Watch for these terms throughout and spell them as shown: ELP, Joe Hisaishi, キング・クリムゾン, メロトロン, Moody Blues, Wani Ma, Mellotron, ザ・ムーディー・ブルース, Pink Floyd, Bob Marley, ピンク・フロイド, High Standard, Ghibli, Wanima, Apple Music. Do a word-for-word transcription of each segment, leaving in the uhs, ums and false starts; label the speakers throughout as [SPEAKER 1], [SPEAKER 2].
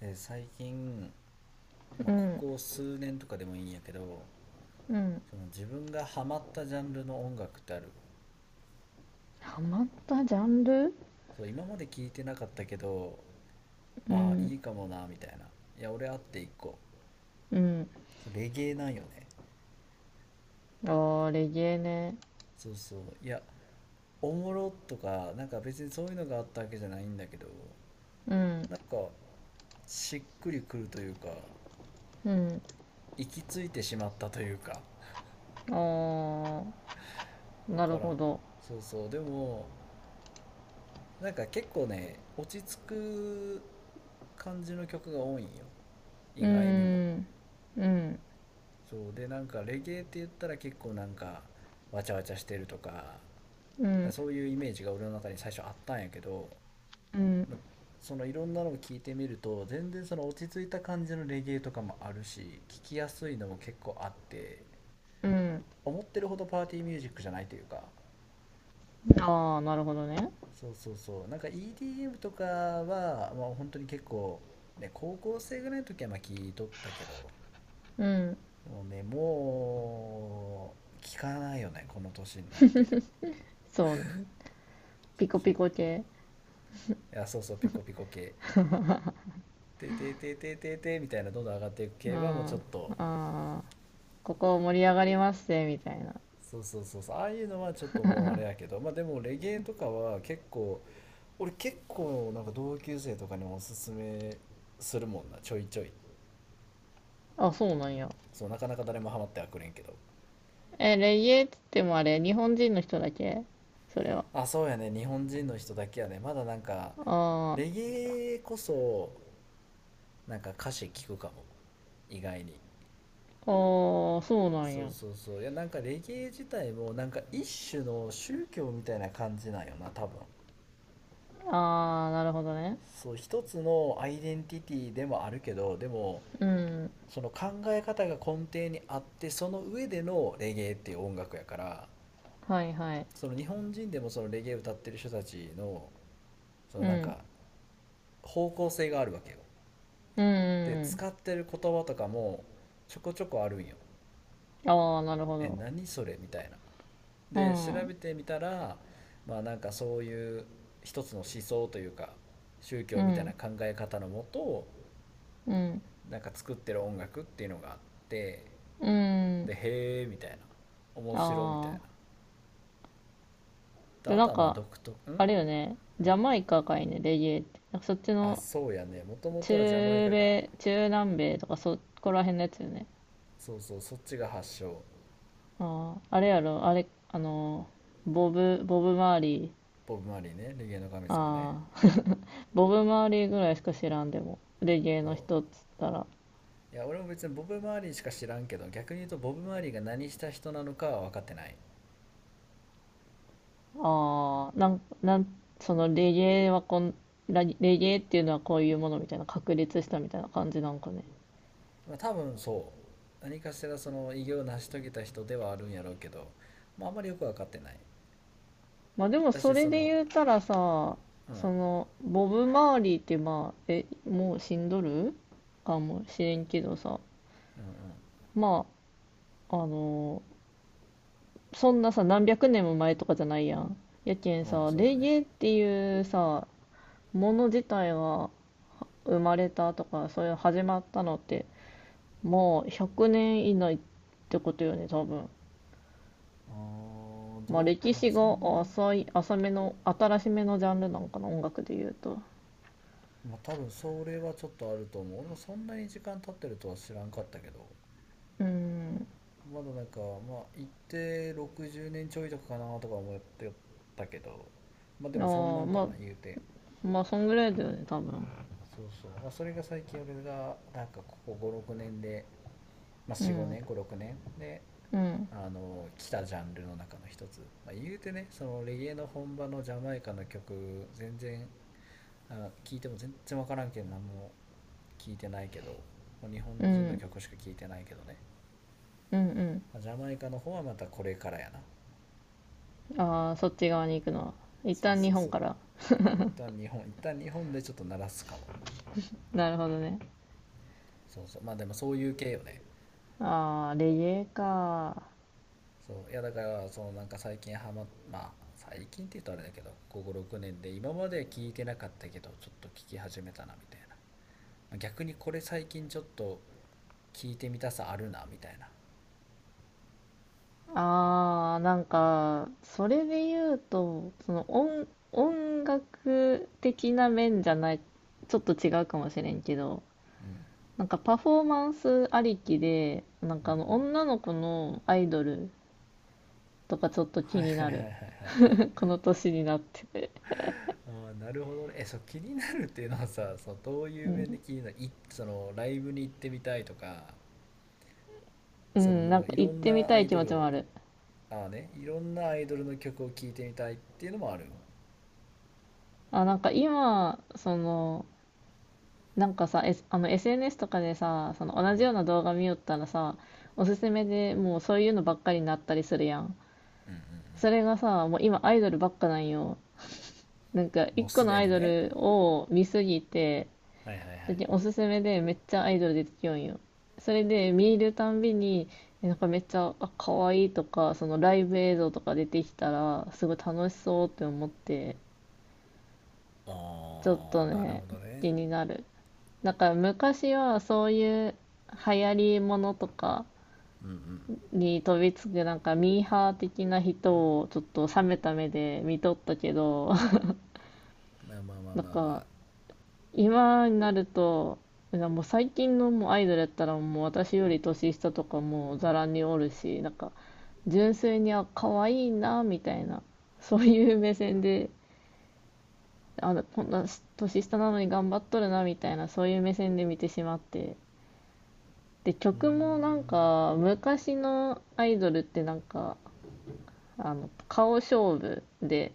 [SPEAKER 1] で最近、ま
[SPEAKER 2] う
[SPEAKER 1] あ、こ
[SPEAKER 2] ん、
[SPEAKER 1] こ数年とかでもいいんやけど、
[SPEAKER 2] うん。
[SPEAKER 1] その自分がハマったジャンルの音楽ってある？
[SPEAKER 2] ハマったジャンル、
[SPEAKER 1] そう、今まで聞いてなかったけど、
[SPEAKER 2] う
[SPEAKER 1] ああ
[SPEAKER 2] ん、
[SPEAKER 1] いいかもなみたいな。いや、俺あって一個。
[SPEAKER 2] うん。
[SPEAKER 1] そうレゲエなんよね。
[SPEAKER 2] あー、レゲエね。
[SPEAKER 1] そうそう、いや、おもろとかなんか別にそういうのがあったわけじゃないんだけど、
[SPEAKER 2] うん、
[SPEAKER 1] なんかしっくりくるというか、
[SPEAKER 2] うん。
[SPEAKER 1] 行き着いてしまったというか、
[SPEAKER 2] あー、な
[SPEAKER 1] 分
[SPEAKER 2] る
[SPEAKER 1] からん。
[SPEAKER 2] ほど。
[SPEAKER 1] そうそう、でもなんか結構ね、落ち着く感じの曲が多いんよ、意
[SPEAKER 2] う
[SPEAKER 1] 外にも。
[SPEAKER 2] ん、うん、
[SPEAKER 1] そうで、なんかレゲエって言ったら結構なんかわちゃわちゃしてるとか、
[SPEAKER 2] うん、
[SPEAKER 1] そういうイメージが俺の中に最初あったんやけど、
[SPEAKER 2] うん、
[SPEAKER 1] ま、そのいろんなのを聞いてみると、全然その落ち着いた感じのレゲエとかもあるし、聞きやすいのも結構あって、
[SPEAKER 2] うん。
[SPEAKER 1] 思ってるほどパーティーミュージックじゃないというか。
[SPEAKER 2] あー、なるほどね。
[SPEAKER 1] そうそうそう、なんか イーディーエム とかは、まあ、本当に結構ね、高校生ぐらいの時はまあ聞いとったけど、
[SPEAKER 2] うん、
[SPEAKER 1] でもね、もう聞かないよね、この年になって。
[SPEAKER 2] そう、
[SPEAKER 1] そ
[SPEAKER 2] ピ
[SPEAKER 1] う
[SPEAKER 2] コ
[SPEAKER 1] そう、
[SPEAKER 2] ピコ系。
[SPEAKER 1] いや、そうそう、ピコピコ系、ててててててみたいな、どんどん上がっていく
[SPEAKER 2] う
[SPEAKER 1] 系はもうちょっ
[SPEAKER 2] ん、
[SPEAKER 1] と。
[SPEAKER 2] あー、ここ盛り上がりますぜ、みたいな。
[SPEAKER 1] そうそうそうそう、ああいうのはちょっともうあれやけど、まあでもレゲエとかは結構、俺結構なんか同級生とかにもおすすめするもんな、ちょいちょい。
[SPEAKER 2] あ、そうなんや。
[SPEAKER 1] そう、なかなか誰もハマってはくれんけど。
[SPEAKER 2] え、レゲエって言ってもあれ、日本人の人だけ、それは。
[SPEAKER 1] あ、そうやね、日本人の人だけやね、まだなんか
[SPEAKER 2] あー、
[SPEAKER 1] レゲエこそなんか歌詞聞くかも、意外に。
[SPEAKER 2] あー、そうなん
[SPEAKER 1] そう
[SPEAKER 2] や。
[SPEAKER 1] そうそう、いや、なんかレゲエ自体もなんか一種の宗教みたいな感じなんよな、多分。
[SPEAKER 2] ああ、なるほどね。
[SPEAKER 1] そう、一つのアイデンティティでもあるけど、でも
[SPEAKER 2] うん。
[SPEAKER 1] その考え方が根底にあって、その上でのレゲエっていう音楽やから、
[SPEAKER 2] はいはい。
[SPEAKER 1] その日本人でもそのレゲエ歌ってる人たちの、その
[SPEAKER 2] う
[SPEAKER 1] なん
[SPEAKER 2] ん。
[SPEAKER 1] か方向性があるわけよ。
[SPEAKER 2] うん、
[SPEAKER 1] で
[SPEAKER 2] う
[SPEAKER 1] 使ってる言葉とかもちょこちょこあるんよ。
[SPEAKER 2] ん。ああ、なるほ
[SPEAKER 1] え、
[SPEAKER 2] ど。
[SPEAKER 1] 何それみたいな。
[SPEAKER 2] う
[SPEAKER 1] で調
[SPEAKER 2] ん。
[SPEAKER 1] べてみたら、まあなんかそういう一つの思想というか、宗
[SPEAKER 2] う
[SPEAKER 1] 教みたい
[SPEAKER 2] ん。
[SPEAKER 1] な考え方のもと
[SPEAKER 2] うん。
[SPEAKER 1] なんか作ってる音楽っていうのがあって、
[SPEAKER 2] うん。
[SPEAKER 1] でへえみたいな、面白みたい
[SPEAKER 2] あ
[SPEAKER 1] な。
[SPEAKER 2] あ。
[SPEAKER 1] で
[SPEAKER 2] で、
[SPEAKER 1] あ
[SPEAKER 2] な
[SPEAKER 1] と
[SPEAKER 2] ん
[SPEAKER 1] はまあ
[SPEAKER 2] か、
[SPEAKER 1] 独特ん。う
[SPEAKER 2] あ
[SPEAKER 1] ん、
[SPEAKER 2] れよね。ジャマイカかいね、レゲエって。なんかそっち
[SPEAKER 1] あ、
[SPEAKER 2] の
[SPEAKER 1] そうやね、もともとはジャマイ
[SPEAKER 2] 中
[SPEAKER 1] カが。
[SPEAKER 2] 米、中南米とかそこら辺のやつよね。
[SPEAKER 1] そうそう、そっちが発祥。
[SPEAKER 2] ああ、あれやろ、あれ、あの、ボブ、ボブ・マーリー。
[SPEAKER 1] ボブ・マーリーね、レゲエの神様ね。
[SPEAKER 2] ああ。ボブ・マーリーぐらいしか知らんでも。レゲエの
[SPEAKER 1] そ
[SPEAKER 2] 人っつったら。
[SPEAKER 1] ういや俺も別にボブ・マーリーしか知らんけど、逆に言うとボブ・マーリーが何した人なのかは分かってない。
[SPEAKER 2] ああ、なん、なん、そのレゲエはこん、ラレゲエっていうのはこういうものみたいな、確立したみたいな感じなんかね。
[SPEAKER 1] まあ、多分そう、何かしらその偉業を成し遂げた人ではあるんやろうけど、まあ、あんまりよく分かってない。
[SPEAKER 2] まあでも
[SPEAKER 1] 私
[SPEAKER 2] それ
[SPEAKER 1] その、
[SPEAKER 2] で言うたらさ、
[SPEAKER 1] うんうん、
[SPEAKER 2] その、ボブ・マーリーってまあ、え、もう死んどるかもしれんけどさ、
[SPEAKER 1] う
[SPEAKER 2] まあ、あの、そんなさ、何百年も前とかじゃないやん。やけん
[SPEAKER 1] んうん、
[SPEAKER 2] さ、
[SPEAKER 1] そうや
[SPEAKER 2] レゲ
[SPEAKER 1] ね。
[SPEAKER 2] エっていうさ、もの自体が生まれたとか、そういう始まったのって、もうひゃくねん以内ってことよね、多分。
[SPEAKER 1] あー、
[SPEAKER 2] まあ
[SPEAKER 1] どうな
[SPEAKER 2] 歴
[SPEAKER 1] んだろう、
[SPEAKER 2] 史
[SPEAKER 1] そ
[SPEAKER 2] が
[SPEAKER 1] んなに。
[SPEAKER 2] 浅い、浅めの、新しめのジャンルなんかな、音楽で言うと。
[SPEAKER 1] まあ多分それはちょっとあると思う。俺もそんなに時間経ってるとは知らんかったけど、
[SPEAKER 2] うん。
[SPEAKER 1] まだなんかまあ一定ろくじゅうねんちょいとかかなとか思ってたけど、まあでもそんな
[SPEAKER 2] ああ、
[SPEAKER 1] んか
[SPEAKER 2] まあ、
[SPEAKER 1] な、言うて。
[SPEAKER 2] まあ、そんぐらいだよね、多分。
[SPEAKER 1] そうそう、まあそれが最近俺がなんかここごろくねんで、ま
[SPEAKER 2] う
[SPEAKER 1] あよん、45
[SPEAKER 2] ん、
[SPEAKER 1] 年ごろくねんで
[SPEAKER 2] うん、
[SPEAKER 1] あの来たジャンルの中の一つ。まあ、言うてね、そのレゲエの本場のジャマイカの曲、全然聞いても全然分からんけん、何も聞いてないけど、日
[SPEAKER 2] う
[SPEAKER 1] 本人の
[SPEAKER 2] ん、
[SPEAKER 1] 曲しか聞いてないけどね。
[SPEAKER 2] うん、
[SPEAKER 1] ジャマイカの方はまたこれからやな。
[SPEAKER 2] うん。ああ、そっち側に行くのは。一
[SPEAKER 1] そう
[SPEAKER 2] 旦
[SPEAKER 1] そ
[SPEAKER 2] 日
[SPEAKER 1] う
[SPEAKER 2] 本
[SPEAKER 1] そう、
[SPEAKER 2] から。
[SPEAKER 1] 一旦日本一旦日本でちょっと鳴らすかも。
[SPEAKER 2] なるほどね。
[SPEAKER 1] そうそう、まあでもそういう系よね。
[SPEAKER 2] ああ、レゲエか。
[SPEAKER 1] そういや、だからそのなんか最近ハマっ、まあ最近って言うとあれだけど、こころくねんで今まで聞いてなかったけどちょっと聞き始めたなみたいな、逆にこれ最近ちょっと聞いてみたさあるなみたいな。
[SPEAKER 2] ああ、なんか、それで言うと、その音、音楽的な面じゃない、ちょっと違うかもしれんけど、
[SPEAKER 1] うん
[SPEAKER 2] なんかパフォーマンスありきで、なん
[SPEAKER 1] うんう
[SPEAKER 2] かあの
[SPEAKER 1] ん、
[SPEAKER 2] 女の子のアイドルとかちょっと
[SPEAKER 1] はい
[SPEAKER 2] 気に
[SPEAKER 1] はい
[SPEAKER 2] な
[SPEAKER 1] はいはい
[SPEAKER 2] る。
[SPEAKER 1] はい、はい。
[SPEAKER 2] この年になってて。
[SPEAKER 1] ああ、なるほどね。え、そう、気になるっていうのはさ、 そのどうい
[SPEAKER 2] う
[SPEAKER 1] う面で
[SPEAKER 2] ん。
[SPEAKER 1] 気になる、い、そのライブに行ってみたいとか、
[SPEAKER 2] う
[SPEAKER 1] その
[SPEAKER 2] ん、
[SPEAKER 1] も
[SPEAKER 2] なん
[SPEAKER 1] う
[SPEAKER 2] か
[SPEAKER 1] い
[SPEAKER 2] 行
[SPEAKER 1] ろ
[SPEAKER 2] っ
[SPEAKER 1] ん
[SPEAKER 2] てみ
[SPEAKER 1] な
[SPEAKER 2] た
[SPEAKER 1] ア
[SPEAKER 2] い
[SPEAKER 1] イ
[SPEAKER 2] 気
[SPEAKER 1] ド
[SPEAKER 2] 持
[SPEAKER 1] ル
[SPEAKER 2] ちも
[SPEAKER 1] を。
[SPEAKER 2] ある。
[SPEAKER 1] ああね、いろんなアイドルの曲を聴いてみたいっていうのもある。
[SPEAKER 2] あ、なんか今、その、なんかさ、S、あの エスエヌエス とかでさ、その同じような動画見よったらさ、おすすめでもうそういうのばっかりになったりするやん。それがさ、もう今アイドルばっかなんよ。なんか
[SPEAKER 1] も
[SPEAKER 2] 一
[SPEAKER 1] う
[SPEAKER 2] 個
[SPEAKER 1] す
[SPEAKER 2] の
[SPEAKER 1] で
[SPEAKER 2] アイ
[SPEAKER 1] に
[SPEAKER 2] ド
[SPEAKER 1] ね。
[SPEAKER 2] ルを見すぎて、
[SPEAKER 1] はいはいは
[SPEAKER 2] だっ
[SPEAKER 1] い。
[SPEAKER 2] ておすすめでめっちゃアイドル出てきよんよ。それで見るたんびに、えなんかめっちゃ、あ、可愛いとか、そのライブ映像とか出てきたら、すごい楽しそうって思って、ちょっ
[SPEAKER 1] ああ、
[SPEAKER 2] と
[SPEAKER 1] なる
[SPEAKER 2] ね、
[SPEAKER 1] ほど
[SPEAKER 2] 気
[SPEAKER 1] ね。
[SPEAKER 2] になる。なんから昔はそういう流行りものとか
[SPEAKER 1] うんうん。
[SPEAKER 2] に飛びつくなんかミーハー的な人をちょっと冷めた目で見とったけど、
[SPEAKER 1] まあまあま あ
[SPEAKER 2] なん
[SPEAKER 1] まあま
[SPEAKER 2] か
[SPEAKER 1] あ。
[SPEAKER 2] 今になると、なもう最近のもうアイドルやったらもう私より年下とかもうざらにおるし、なんか純粋にあ、可愛いなみたいな、そういう目線で、あのこんな年下なのに頑張っとるなみたいな、そういう目線で見てしまって、で
[SPEAKER 1] うーん、
[SPEAKER 2] 曲もなんか昔のアイドルってなんかあの顔勝負で、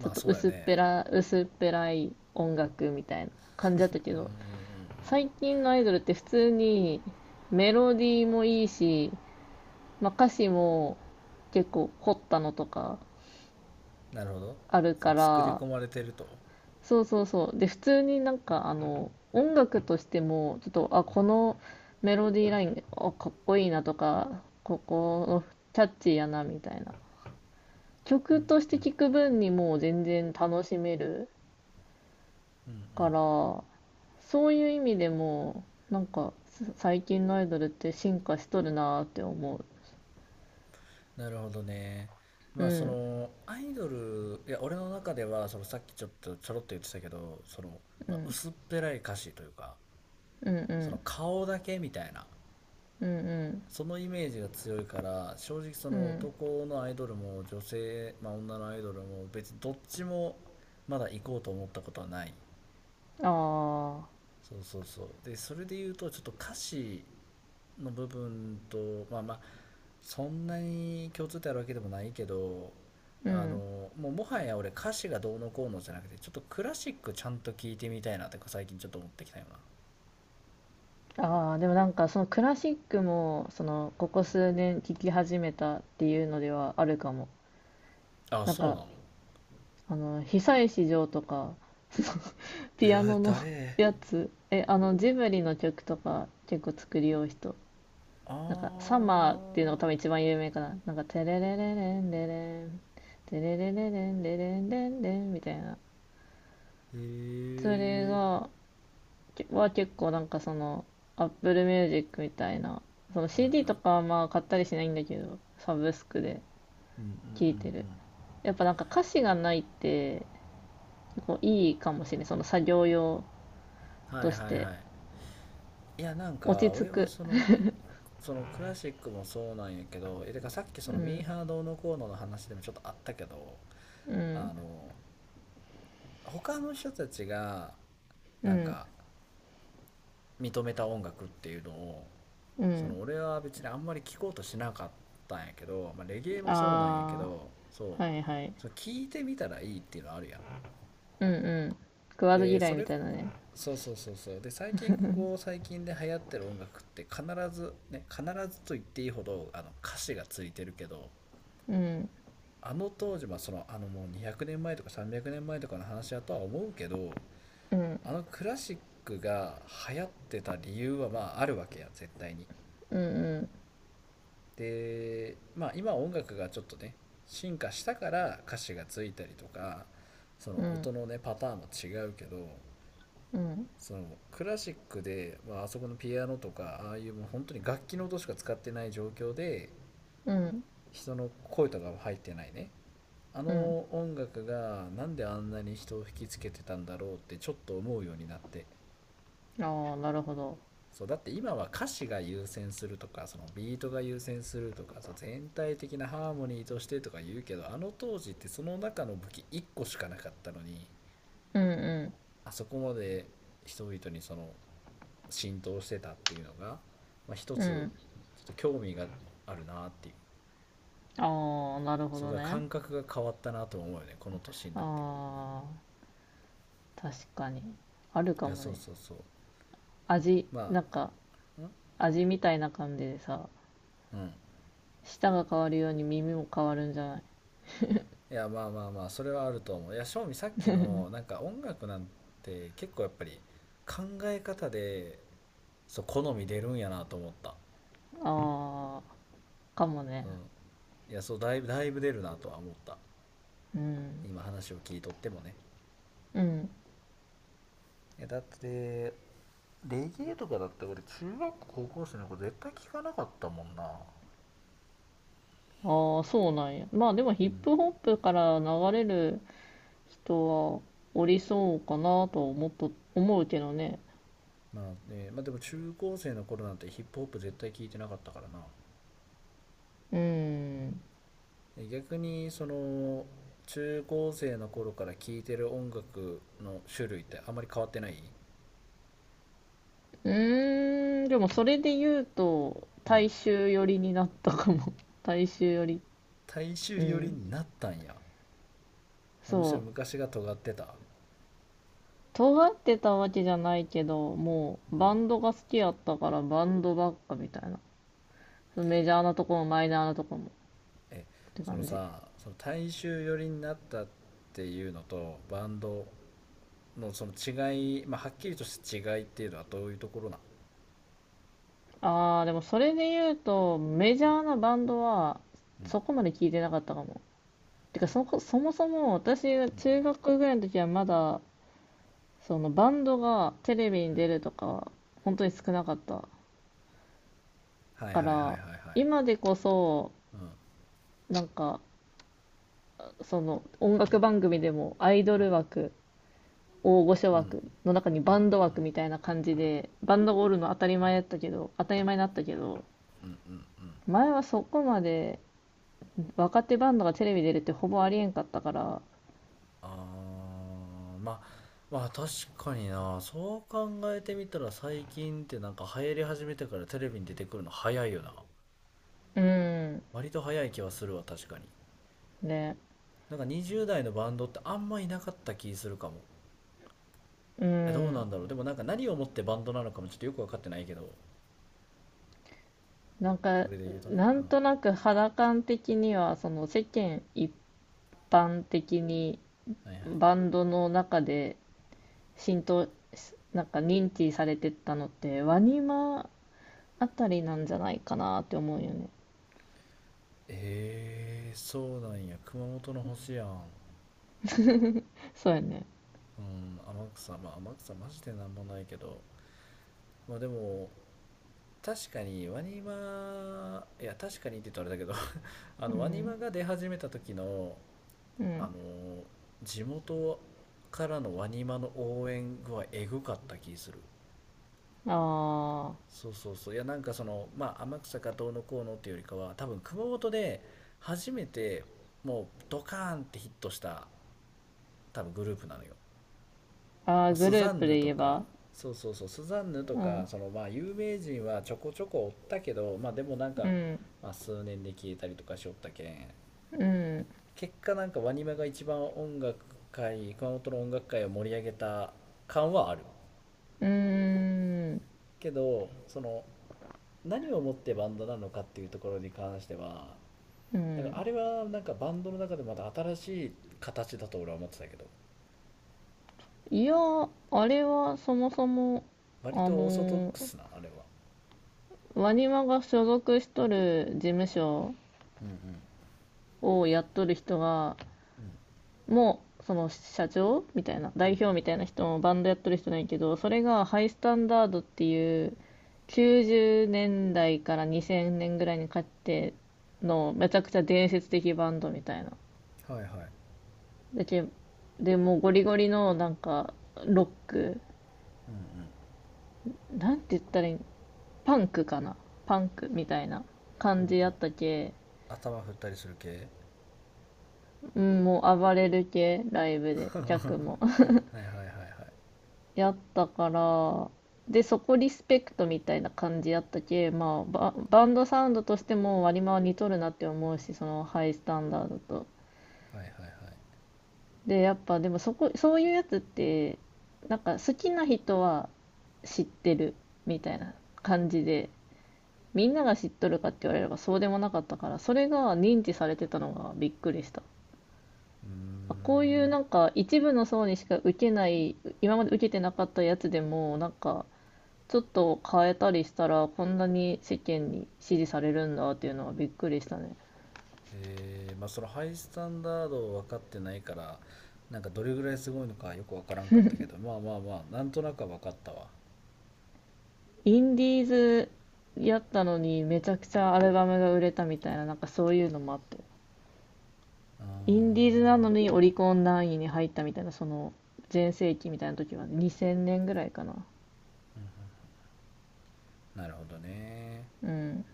[SPEAKER 2] ちょっ
[SPEAKER 1] あ
[SPEAKER 2] と
[SPEAKER 1] そうや
[SPEAKER 2] 薄っ
[SPEAKER 1] ね。
[SPEAKER 2] ぺら薄っぺらい音楽みたいな感じだった
[SPEAKER 1] う
[SPEAKER 2] け
[SPEAKER 1] んうん
[SPEAKER 2] ど、
[SPEAKER 1] うんうん。
[SPEAKER 2] 最近のアイドルって普通にメロディーもいいし、まあ、歌詞も結構凝ったのとか
[SPEAKER 1] なるほど。
[SPEAKER 2] ある
[SPEAKER 1] そう、
[SPEAKER 2] か
[SPEAKER 1] 作り
[SPEAKER 2] ら、
[SPEAKER 1] 込まれてると。
[SPEAKER 2] そうそうそう。で、普通になんか、あの、音楽としても、ちょっと、あ、
[SPEAKER 1] う
[SPEAKER 2] このメロディーライン、あ、かっこいいなとか、ここのキャッチーやな、みたいな。
[SPEAKER 1] んう
[SPEAKER 2] 曲
[SPEAKER 1] ん
[SPEAKER 2] とし
[SPEAKER 1] う
[SPEAKER 2] て
[SPEAKER 1] ん
[SPEAKER 2] 聴く分にもう全然楽しめる
[SPEAKER 1] うんう
[SPEAKER 2] か
[SPEAKER 1] ん。
[SPEAKER 2] ら、そういう意味でも、なんか、す最近のアイドルって進化しとるなーって思う。
[SPEAKER 1] なるほどね。
[SPEAKER 2] う
[SPEAKER 1] まあそ
[SPEAKER 2] ん、
[SPEAKER 1] のアイドル、いや俺の中では、そのさっきちょっとちょろっと言ってたけど、その、
[SPEAKER 2] う
[SPEAKER 1] まあ、
[SPEAKER 2] ん、
[SPEAKER 1] 薄っぺらい歌詞というか、
[SPEAKER 2] うん、う
[SPEAKER 1] その
[SPEAKER 2] ん、
[SPEAKER 1] 顔だけみたいな、
[SPEAKER 2] うん、
[SPEAKER 1] そのイメージが強いから、正直そ
[SPEAKER 2] うん、う
[SPEAKER 1] の
[SPEAKER 2] ん、
[SPEAKER 1] 男のアイドルも女性、まあ、女のアイドルも別にどっちもまだ行こうと思ったことはない。
[SPEAKER 2] ああ、
[SPEAKER 1] そうそうそう、でそれで言うとちょっと歌詞の部分と、まあまあそんなに共通点あるわけでもないけど、
[SPEAKER 2] う
[SPEAKER 1] あ
[SPEAKER 2] ん。
[SPEAKER 1] のもうもはや俺、歌詞がどうのこうのじゃなくて、ちょっとクラシックちゃんと聞いてみたいなって最近ちょっと思ってきたよ。
[SPEAKER 2] ああ、でもなんかそのクラシックも、その、ここ数年聴き始めたっていうのではあるかも。
[SPEAKER 1] なあ、
[SPEAKER 2] なん
[SPEAKER 1] そう
[SPEAKER 2] か、
[SPEAKER 1] なの。
[SPEAKER 2] あの、久石譲とか、ピ
[SPEAKER 1] う
[SPEAKER 2] ア
[SPEAKER 1] わ、
[SPEAKER 2] ノの
[SPEAKER 1] 誰。
[SPEAKER 2] やつ、え、あの、ジブリの曲とか結構作りよう人。
[SPEAKER 1] あ
[SPEAKER 2] なんか、サマーっていうのが
[SPEAKER 1] ー、
[SPEAKER 2] 多分一番有名かな。なんか、テレレレレンレレン、テレレレレンレレンレンレンみたいな。
[SPEAKER 1] へえ
[SPEAKER 2] それ
[SPEAKER 1] ー、
[SPEAKER 2] が、は結構なんかその アップルミュージック みたいなその
[SPEAKER 1] うん
[SPEAKER 2] シーディー
[SPEAKER 1] う
[SPEAKER 2] と
[SPEAKER 1] ん
[SPEAKER 2] かはまあ買ったりしないんだけどサブスクで
[SPEAKER 1] うんうん、
[SPEAKER 2] 聴いて
[SPEAKER 1] う
[SPEAKER 2] る。
[SPEAKER 1] んうん、
[SPEAKER 2] やっぱなんか歌詞がないって、こういいかもしれない、その作業用
[SPEAKER 1] はい
[SPEAKER 2] とし
[SPEAKER 1] はい
[SPEAKER 2] て
[SPEAKER 1] はい。いや、なん
[SPEAKER 2] 落
[SPEAKER 1] か
[SPEAKER 2] ち着
[SPEAKER 1] 俺は
[SPEAKER 2] く。
[SPEAKER 1] その、そのクラシックもそうなんやけど、え、てかさっきそ
[SPEAKER 2] う
[SPEAKER 1] のミ
[SPEAKER 2] ん
[SPEAKER 1] ーハーどうのこうのの話でもちょっとあったけど、
[SPEAKER 2] うん
[SPEAKER 1] あの他の人たちが
[SPEAKER 2] う
[SPEAKER 1] なん
[SPEAKER 2] ん
[SPEAKER 1] か認めた音楽っていうのを、
[SPEAKER 2] う
[SPEAKER 1] そ
[SPEAKER 2] ん、
[SPEAKER 1] の俺は別にあんまり聴こうとしなかったんやけど、まあ、レゲエもそうなんやけ
[SPEAKER 2] あ
[SPEAKER 1] ど、そ
[SPEAKER 2] あは
[SPEAKER 1] う、
[SPEAKER 2] いはい、
[SPEAKER 1] その聞いてみたらいいっていうのあるやん。
[SPEAKER 2] うんうん、食わず
[SPEAKER 1] で
[SPEAKER 2] 嫌
[SPEAKER 1] そ
[SPEAKER 2] いみ
[SPEAKER 1] れ、
[SPEAKER 2] たいなね、
[SPEAKER 1] そうそうそうそう、で最近、ここ最近で流行ってる音楽って必ずね、必ずと言っていいほどあの歌詞がついてるけど、あの当時、ま、そのあのもうにひゃくねんまえとかさんびゃくねんまえとかの話やとは思うけど、
[SPEAKER 2] うん
[SPEAKER 1] あのクラシックが流行ってた理由はまああるわけや、絶対に。
[SPEAKER 2] うん
[SPEAKER 1] でまあ今、音楽がちょっとね進化したから歌詞がついたりとか、そ
[SPEAKER 2] う
[SPEAKER 1] の
[SPEAKER 2] んうん
[SPEAKER 1] 音のねパターンも違うけど、
[SPEAKER 2] うん
[SPEAKER 1] そのクラシックで、まあ、あそこのピアノとかああいう、もう本当に楽器の音しか使ってない状況で、
[SPEAKER 2] うん
[SPEAKER 1] 人の声とかも入ってないね、あ
[SPEAKER 2] うん、
[SPEAKER 1] の音楽がなんであんなに人を引きつけてたんだろうってちょっと思うようになって。
[SPEAKER 2] ああなるほど、
[SPEAKER 1] そうだって、今は歌詞が優先するとか、そのビートが優先するとか、そう全体的なハーモニーとしてとか言うけど、あの当時ってその中の武器いっこしかなかったのに、
[SPEAKER 2] うんう
[SPEAKER 1] あそこまで人々にその浸透してたっていうのが、まあ、一
[SPEAKER 2] ん
[SPEAKER 1] つ
[SPEAKER 2] う
[SPEAKER 1] ちょ
[SPEAKER 2] ん、
[SPEAKER 1] っと興味があるなっていう。
[SPEAKER 2] ああ、なるほ
[SPEAKER 1] そう、
[SPEAKER 2] ど
[SPEAKER 1] だ、
[SPEAKER 2] ね。
[SPEAKER 1] 感覚が変わったなと思うよね、この年になって。
[SPEAKER 2] ああ、確かに。ある
[SPEAKER 1] い
[SPEAKER 2] か
[SPEAKER 1] や、
[SPEAKER 2] も
[SPEAKER 1] そう
[SPEAKER 2] ね。
[SPEAKER 1] そうそう、
[SPEAKER 2] 味、
[SPEAKER 1] ま
[SPEAKER 2] なんか、
[SPEAKER 1] あん
[SPEAKER 2] 味みたいな感じでさ、
[SPEAKER 1] うん
[SPEAKER 2] 舌が変わるように耳も変わるんじゃない。
[SPEAKER 1] いや、まあまあまあそれはあると思う。いや正味、さっきのなんか音楽なんて結構やっぱり考え方で、そう好み出るんやなと思った。
[SPEAKER 2] ああ、かもね。
[SPEAKER 1] うん、いやそう、だいぶだいぶ出るなとは思った、
[SPEAKER 2] うん。
[SPEAKER 1] 今話を聞いとってもね。
[SPEAKER 2] うん。
[SPEAKER 1] え、だってレゲエとかだって俺、中学校高校生の子絶対聞かなかったもんな。
[SPEAKER 2] ああ、そうなんや。まあでも
[SPEAKER 1] う
[SPEAKER 2] ヒッ
[SPEAKER 1] ん、
[SPEAKER 2] プホップから流れる人はおりそうかなと思っと、思うけどね。
[SPEAKER 1] まあね、まあでも中高生の頃なんてヒップホップ絶対聞いてなかったからな。
[SPEAKER 2] うん。
[SPEAKER 1] え、逆にその中高生の頃から聴いてる音楽の種類ってあまり変わってない？
[SPEAKER 2] うーん、でもそれで言うと、
[SPEAKER 1] う
[SPEAKER 2] 大
[SPEAKER 1] ん、
[SPEAKER 2] 衆寄りになったかも。大衆寄り。
[SPEAKER 1] 大衆
[SPEAKER 2] う
[SPEAKER 1] 寄り
[SPEAKER 2] ん。
[SPEAKER 1] になったんや。あ、むしろ
[SPEAKER 2] そう。
[SPEAKER 1] 昔が尖ってた？
[SPEAKER 2] 尖ってたわけじゃないけど、もうバンドが好きやったからバンドばっかみたいな。そのメジャーなとこもマイナーなとこもっ
[SPEAKER 1] え、
[SPEAKER 2] て
[SPEAKER 1] その
[SPEAKER 2] 感じ。
[SPEAKER 1] さ、その大衆寄りになったっていうのとバンドのその違い、まあ、はっきりとした違いっていうのはどういうところなん？
[SPEAKER 2] ああ、でもそれで言うと、メジャーなバンドは
[SPEAKER 1] うん
[SPEAKER 2] そこまで聞いてなかったかも。てかそこ、そもそも私が
[SPEAKER 1] う
[SPEAKER 2] 中
[SPEAKER 1] ん
[SPEAKER 2] 学ぐらいの時はまだ、そのバンドがテレビに
[SPEAKER 1] うんうん、
[SPEAKER 2] 出るとか、本当に少なかった
[SPEAKER 1] はい
[SPEAKER 2] か
[SPEAKER 1] はいはいはいは
[SPEAKER 2] ら、
[SPEAKER 1] い、
[SPEAKER 2] 今でこそ、
[SPEAKER 1] うん
[SPEAKER 2] なんか、その音楽番組でもアイドル枠、大御所
[SPEAKER 1] うんうん
[SPEAKER 2] 枠の中にバンド枠みたいな感じで、バンドがおるの当たり前だったけど、当たり前になったけど、
[SPEAKER 1] うんうん。
[SPEAKER 2] 前はそこまで若手バンドがテレビ出るってほぼありえんかったから、
[SPEAKER 1] あー、まあまあ確かにな、そう考えてみたら最近ってなんか流行り始めてからテレビに出てくるの早いよな、
[SPEAKER 2] うん、
[SPEAKER 1] 割と早い気はするわ、確かに。
[SPEAKER 2] ね、
[SPEAKER 1] なんかにじゅう代のバンドってあんまいなかった気するかも。
[SPEAKER 2] う
[SPEAKER 1] え、どうな
[SPEAKER 2] ん。
[SPEAKER 1] んだろう、でもなんか何をもってバンドなのかもちょっとよく分かってないけど、
[SPEAKER 2] なん
[SPEAKER 1] そ
[SPEAKER 2] か、
[SPEAKER 1] れで言うとね、
[SPEAKER 2] な
[SPEAKER 1] うん、
[SPEAKER 2] ん
[SPEAKER 1] は
[SPEAKER 2] となく肌感的には、その世間一般的に
[SPEAKER 1] いはい。
[SPEAKER 2] バンドの中で浸透、なんか認知されてったのって、ワニマあたりなんじゃないかなって思うよね。
[SPEAKER 1] えー、そうなんや、熊本の星やん。
[SPEAKER 2] そうやね。
[SPEAKER 1] うん、天草、まあ天草マジでなんもないけど、まあでも確かにワニマ、いや確かにって言うとあれだけど、 あ
[SPEAKER 2] う
[SPEAKER 1] のワニ
[SPEAKER 2] ん。
[SPEAKER 1] マが出始めた時の、
[SPEAKER 2] う
[SPEAKER 1] あ
[SPEAKER 2] ん。
[SPEAKER 1] のー、地元からのワニマの応援具合エグかった気する。
[SPEAKER 2] あーあ
[SPEAKER 1] そうそうそう、いや、なんかそのまあ天草かどうのこうのっていうよりかは、多分熊本で初めてもうドカーンってヒットした、多分グループなのよ。
[SPEAKER 2] ー。あ、グ
[SPEAKER 1] ス
[SPEAKER 2] ルー
[SPEAKER 1] ザン
[SPEAKER 2] プ
[SPEAKER 1] ヌ
[SPEAKER 2] で言
[SPEAKER 1] と
[SPEAKER 2] え
[SPEAKER 1] か。
[SPEAKER 2] ば。
[SPEAKER 1] そうそうそう、スザンヌと
[SPEAKER 2] う
[SPEAKER 1] か、
[SPEAKER 2] ん。
[SPEAKER 1] そのまあ有名人はちょこちょこおったけど、まあでもなん
[SPEAKER 2] う
[SPEAKER 1] か、
[SPEAKER 2] ん。
[SPEAKER 1] まあ、数年で消えたりとかしおったけん、
[SPEAKER 2] うん。
[SPEAKER 1] 結果なんかワニマが一番音楽界、熊本の音楽界を盛り上げた感はある
[SPEAKER 2] うーん。
[SPEAKER 1] けど、その何をもってバンドなのかっていうところに関しては、
[SPEAKER 2] う
[SPEAKER 1] なんか
[SPEAKER 2] ん。
[SPEAKER 1] あれはなんかバンドの中でまた新しい形だと俺は思ってたけど、
[SPEAKER 2] いや、あれはそもそも、
[SPEAKER 1] 割
[SPEAKER 2] あ
[SPEAKER 1] とオーソドッ
[SPEAKER 2] のー
[SPEAKER 1] クスな、あれは。
[SPEAKER 2] ワニマが所属しとる事務所
[SPEAKER 1] うんうん
[SPEAKER 2] をやっとる人が、
[SPEAKER 1] うん、
[SPEAKER 2] もその社長みたいな代表みたいな人もバンドやってる人ないけど、それがハイスタンダードっていうきゅうじゅうねんだいからにせんねんぐらいにかけてのめちゃくちゃ伝説的バンドみたいな。
[SPEAKER 1] はいはい、
[SPEAKER 2] でけでもうゴリゴリのなんかロック、
[SPEAKER 1] うんうん、
[SPEAKER 2] なんて言ったらいい、パンクかな、パンクみたいな感じやったけ、
[SPEAKER 1] 頭振ったりする系、
[SPEAKER 2] うん、もう暴れる系ライブで
[SPEAKER 1] は
[SPEAKER 2] 客も
[SPEAKER 1] いはいはいはいはい
[SPEAKER 2] やったから、で、そこリスペクトみたいな感じやったけ、まあ、バ、バンドサウンドとしても割り回り似とるなって思うし、そのハイスタンダードと。
[SPEAKER 1] はいはい、
[SPEAKER 2] で、やっぱでもそこ、そういうやつって、なんか好きな人は知ってるみたいな感じで、みんなが知っとるかって言われればそうでもなかったから、それが認知されてたのがびっくりした。
[SPEAKER 1] う
[SPEAKER 2] あ、こういう
[SPEAKER 1] ん。
[SPEAKER 2] なんか一部の層にしか受けない、今まで受けてなかったやつでも、なんか、ちょっと変えたりしたら、こんなに世間に支持されるんだっていうのはびっくりしたね。
[SPEAKER 1] ええ、まあそのハイスタンダードを分かってないから、なんかどれぐらいすごいのかよく分からんかったけど、まあまあまあなんとなくは分かったわ。
[SPEAKER 2] インディーズやったのにめちゃくちゃアルバムが売れたみたいな、なんかそういうのもあって。
[SPEAKER 1] あ
[SPEAKER 2] インディーズなの
[SPEAKER 1] ー、
[SPEAKER 2] にオリコン何位に入ったみたいな、その全盛期みたいな時はにせんねんぐらいかな。
[SPEAKER 1] なるほどね。
[SPEAKER 2] うん。